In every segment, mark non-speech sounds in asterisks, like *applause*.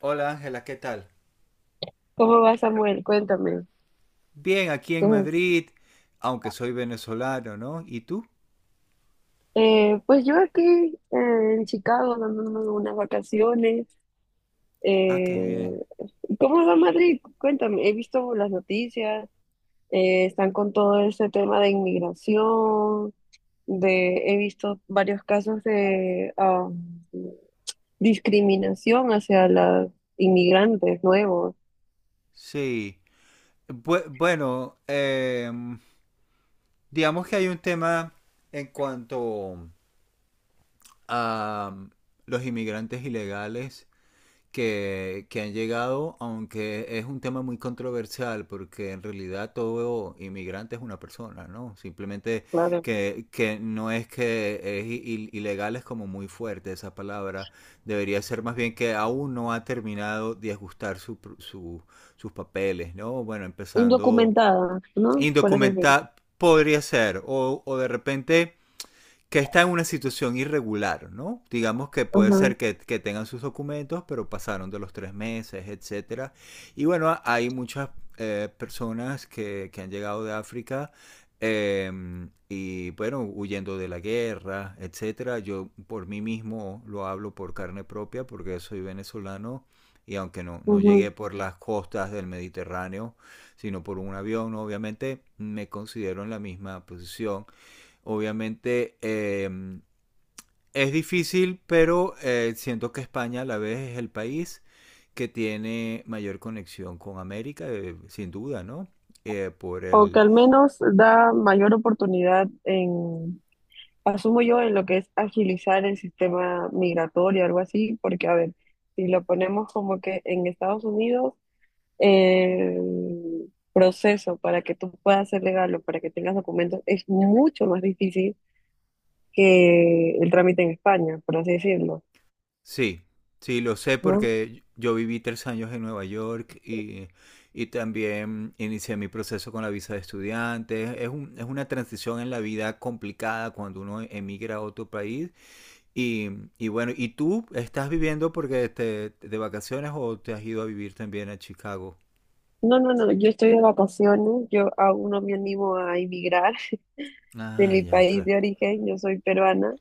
Hola Ángela, ¿qué tal? ¿Cómo va, Samuel? Cuéntame. Bien, aquí en Ujú. Madrid, aunque soy venezolano, ¿no? ¿Y tú? Pues yo aquí en Chicago dándome unas vacaciones. Ah, qué Eh, bien. ¿Cómo va Madrid? Cuéntame. He visto las noticias. Están con todo ese tema de inmigración. He visto varios casos de discriminación hacia los inmigrantes nuevos, Sí. Bueno, digamos que hay un tema en cuanto a los inmigrantes ilegales que han llegado, aunque es un tema muy controversial, porque en realidad todo inmigrante es una persona, ¿no? Simplemente claro, que no es que es ilegal, es como muy fuerte esa palabra. Debería ser más bien que aún no ha terminado de ajustar sus papeles, ¿no? Bueno, empezando indocumentadas, ¿no? Por así decirlo. indocumentado, podría ser, o de repente que está en una situación irregular, ¿no? Digamos que puede Ajá, ser que tengan sus documentos, pero pasaron de los tres meses, etcétera. Y bueno, hay muchas personas que, han llegado de África, eh, y bueno, huyendo de la guerra, etcétera. Yo por mí mismo lo hablo por carne propia porque soy venezolano y aunque no ujú. llegué por las costas del Mediterráneo, sino por un avión, obviamente me considero en la misma posición. Obviamente es difícil, pero siento que España a la vez es el país que tiene mayor conexión con América, sin duda, ¿no? Por O que el... al menos da mayor oportunidad en, asumo yo, en lo que es agilizar el sistema migratorio, algo así, porque a ver, si lo ponemos como que en Estados Unidos, el proceso para que tú puedas ser legal o para que tengas documentos es mucho más difícil que el trámite en España, por así decirlo, Sí, sí, lo sé ¿no? porque yo viví tres años en Nueva York y también inicié mi proceso con la visa de estudiante. Es es una transición en la vida complicada cuando uno emigra a otro país. Y, y bueno, ¿y tú estás viviendo porque de vacaciones o te has ido a vivir también a Chicago? No, no, no, yo estoy de vacaciones, yo aún no me animo a emigrar *laughs* de Ah, mi ya, país claro. de origen. Yo soy peruana,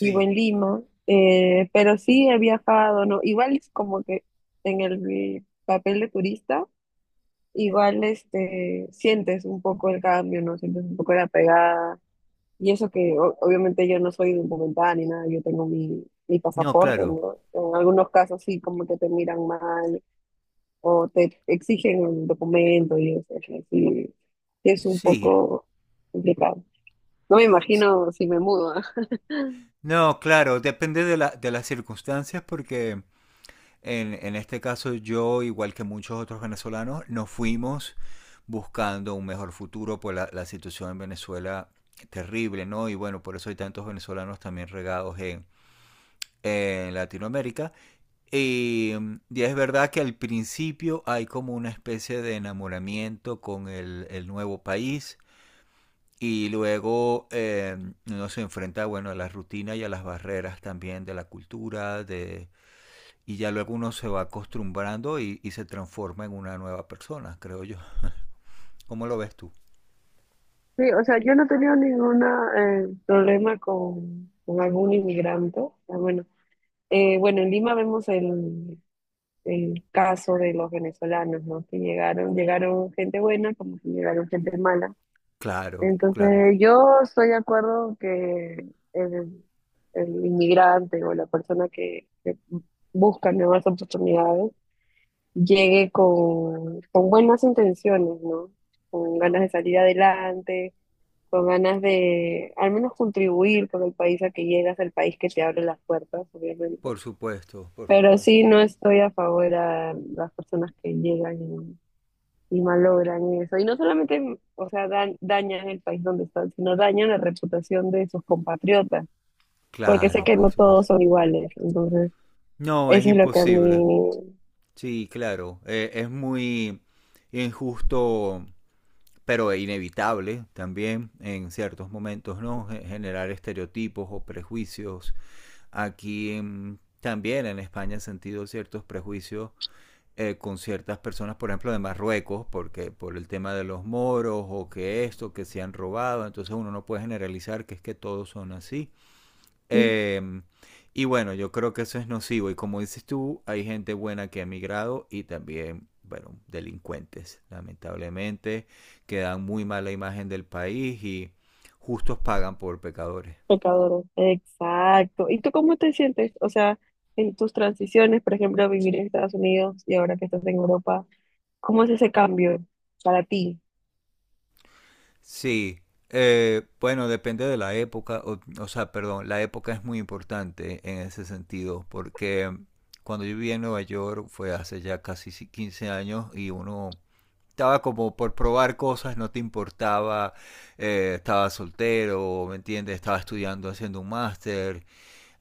vivo en Lima, pero sí he viajado, ¿no? Igual es como que en el papel de turista, igual este, sientes un poco el cambio, ¿no? Sientes un poco la pegada. Y eso que obviamente yo no soy documentada ni nada, yo tengo mi, mi No, pasaporte, claro. ¿no? En algunos casos sí, como que te miran mal o te exigen un documento y eso, o sea, sí, sí es un Sí. poco complicado. No me S- imagino si me mudo, ¿ah? No, claro, depende de de las circunstancias porque en este caso yo, igual que muchos otros venezolanos, nos fuimos buscando un mejor futuro, por la situación en Venezuela terrible, ¿no? Y bueno, por eso hay tantos venezolanos también regados en Latinoamérica. Y, y es verdad que al principio hay como una especie de enamoramiento con el nuevo país y luego uno se enfrenta, bueno, a las rutinas y a las barreras también de la cultura y ya luego uno se va acostumbrando y se transforma en una nueva persona, creo yo. ¿Cómo lo ves tú? Sí, o sea, yo no he tenido ningún problema con algún inmigrante. O sea, bueno, bueno, en Lima vemos el caso de los venezolanos, ¿no? Que llegaron, llegaron gente buena como que llegaron gente mala. Claro, claro. Entonces, yo estoy de acuerdo que el inmigrante o la persona que busca nuevas oportunidades llegue con buenas intenciones, ¿no? Con ganas de salir adelante, con ganas de al menos contribuir con el país a que llegas, al país que te abre las puertas, obviamente. Por supuesto, por Pero sí, supuesto. no estoy a favor a las personas que llegan y malogran eso. Y no solamente, o sea, dañan el país donde están, sino dañan la reputación de sus compatriotas, porque sé Claro, que por no todos supuesto. son iguales. Entonces, No, es eso es lo que a imposible. mí... Sí, claro. Es muy injusto, pero es inevitable también en ciertos momentos, ¿no? Generar estereotipos o prejuicios. Aquí en, también en España he sentido ciertos prejuicios, con ciertas personas, por ejemplo, de Marruecos, porque por el tema de los moros o que esto, que se han robado, entonces uno no puede generalizar que es que todos son así. mm, Em, y bueno, yo creo que eso es nocivo. Y como dices tú, hay gente buena que ha migrado y también, bueno, delincuentes, lamentablemente, que dan muy mala imagen del país y justos pagan por pecadores. pecadores. Exacto. ¿Y tú cómo te sientes? O sea, en tus transiciones, por ejemplo, vivir en Estados Unidos y ahora que estás en Europa, ¿cómo es ese cambio para ti? Sí, bueno, depende de la época, o sea, perdón, la época es muy importante en ese sentido, porque cuando yo vivía en Nueva York fue hace ya casi 15 años y uno estaba como por probar cosas, no te importaba, estaba soltero, ¿me entiendes? Estaba estudiando, haciendo un máster.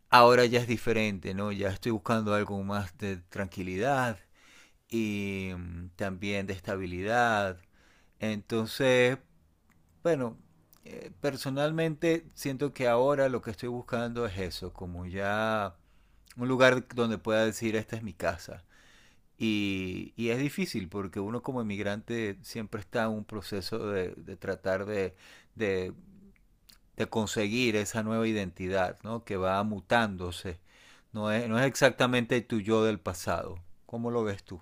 Ahora ya es diferente, ¿no? Ya estoy buscando algo más de tranquilidad y también de estabilidad. Entonces, bueno, personalmente siento que ahora lo que estoy buscando es eso, como ya un lugar donde pueda decir, esta es mi casa y es difícil porque uno como inmigrante siempre está en un proceso de tratar de, de conseguir esa nueva identidad, ¿no? Que va mutándose. No es exactamente tu yo del pasado. ¿Cómo lo ves tú?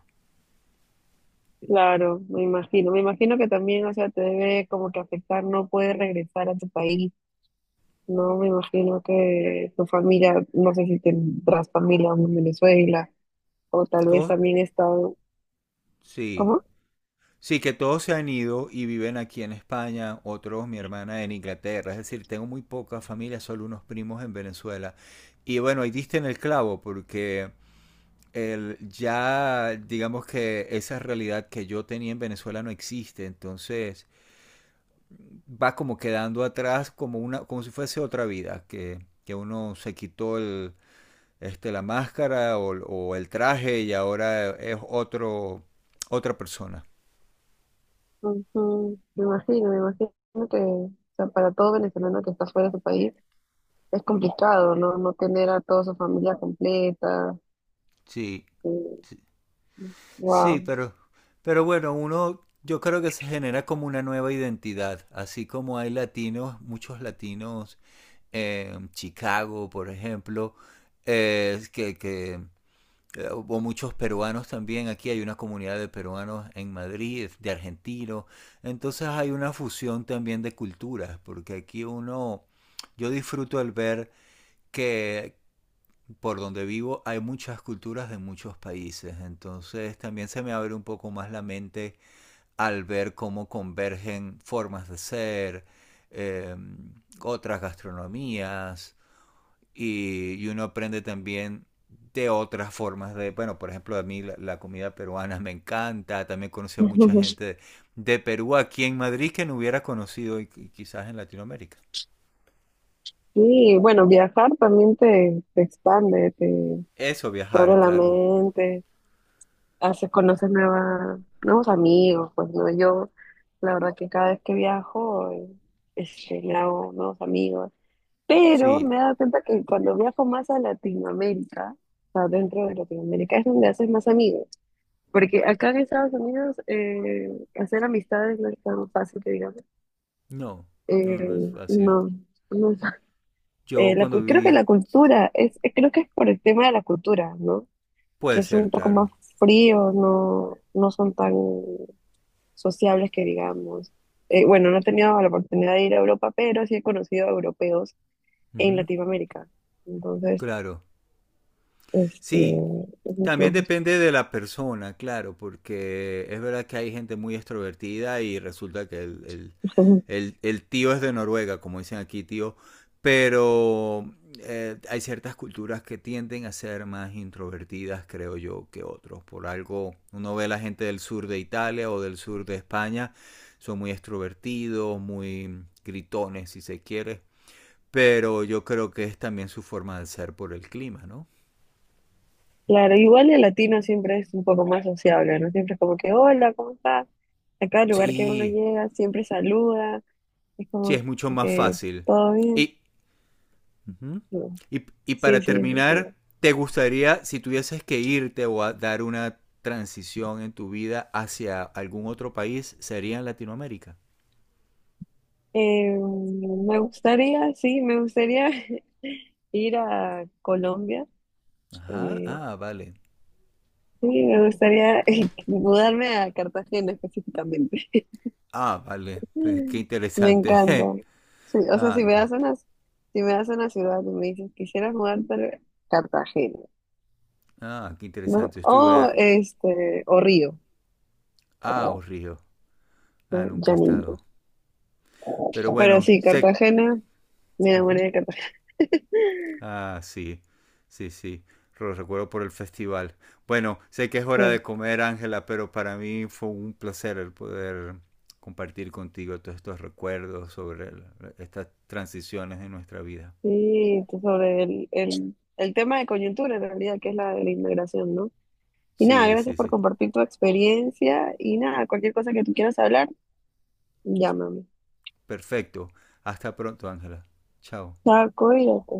Claro, me imagino. Me imagino que también, o sea, te debe como que afectar, no puedes regresar a tu país, ¿no? Me imagino que tu familia, no sé si tendrás familia aún en Venezuela, o tal vez Todos, también está... sí, ¿Cómo? sí, que todos se han ido y viven aquí en España, otros, mi hermana, en Inglaterra. Es decir, tengo muy poca familia, solo unos primos en Venezuela. Y bueno, ahí diste en el clavo, porque ya digamos que esa realidad que yo tenía en Venezuela no existe, entonces va como quedando atrás como como si fuese otra vida, que uno se quitó la máscara o el traje y ahora es otro, otra persona. Ujú, me imagino, me imagino que, o sea, para todo venezolano que está fuera de su país, es complicado, ¿no? No tener a toda su familia completa. Sí, sí, sí, Wow. Pero bueno, uno yo creo que se genera como una nueva identidad, así como hay latinos, muchos latinos, Chicago, por ejemplo, que o muchos peruanos también. Aquí hay una comunidad de peruanos en Madrid, de argentinos. Entonces hay una fusión también de culturas, porque aquí uno, yo disfruto al ver que por donde vivo hay muchas culturas de muchos países. Entonces también se me abre un poco más la mente al ver cómo convergen formas de ser, eh, otras gastronomías y uno aprende también de otras formas de, bueno, por ejemplo, a mí la comida peruana me encanta, también conocí a mucha *laughs* gente de Perú aquí en Madrid que no hubiera conocido y quizás en Latinoamérica. Sí, bueno, viajar también te expande, te, Eso, te abre viajar, la claro. mente, haces, conoces nuevos amigos, pues no, yo la verdad que cada vez que viajo, este, me hago nuevos amigos, pero Sí, me he dado cuenta que cuando viajo más a Latinoamérica, o sea, dentro de Latinoamérica es donde haces más amigos, porque acá en Estados Unidos hacer amistades no es tan fácil que digamos. no, no, no es fácil. No, no es- Yo la, cuando creo que viví, la cultura, es, creo que es por el tema de la cultura, ¿no? puede Que son ser, un poco claro. más fríos, no, no son tan sociables que digamos. Bueno, no he tenido la oportunidad de ir a Europa, pero sí he conocido a europeos en Ujú. Latinoamérica. Entonces, Claro. este, Sí. es mucho También más depende de la persona, claro, porque es verdad que hay gente muy extrovertida y resulta que el, el- fácil. *laughs* el- el tío es de Noruega, como dicen aquí, tío, pero hay ciertas culturas que tienden a ser más introvertidas, creo yo, que otros. Por algo, uno ve la gente del sur de Italia o del sur de España, son muy extrovertidos, muy gritones, si se quiere, pero yo creo que es también su forma de ser por el clima, ¿no? Claro, igual el latino siempre es un poco más sociable, ¿no? Siempre es como que, hola, ¿cómo estás? A cada lugar que uno Sí, llega, siempre saluda, es sí, es como mucho más que, fácil. ¿todo bien? Y, ujú. No. Y Sí, para sí, es verdad. terminar, ¿te gustaría, si tuvieses que irte o a dar una transición en tu vida hacia algún otro país, sería en Latinoamérica? Me gustaría, sí, me gustaría *laughs* ir a Colombia. Ajá, Eh, ah, vale. sí, me gustaría *laughs* mudarme a Cartagena específicamente. Ah, vale. *laughs* *laughs* Pues, qué Me interesante. encanta. *laughs* Sí, o sea, Ah, si me qué, das una, si me das una ciudad y me dices, quisieras mudarte a Cartagena, ah, qué ¿no? interesante. Estuve O este, o Río, ah, oh, Río. ¿no? Ah, nunca he Llanito. estado. Pero Pero bueno, sí, sé. Cartagena, me enamoré Ujú. de Cartagena. Ah, sí, sí, sí. Lo recuerdo por el festival. Bueno, sé que es hora de *laughs* comer, Ángela, pero para mí fue un placer el poder compartir contigo todos estos recuerdos sobre estas transiciones de nuestra vida. Sí, sobre el tema de coyuntura en realidad, que es la de la inmigración, ¿no? Y nada, Sí, sí, gracias por sí. compartir tu experiencia y nada, cualquier cosa que tú quieras hablar, llámame. Perfecto. Hasta pronto, Ángela. Chao. Chao, cuídate.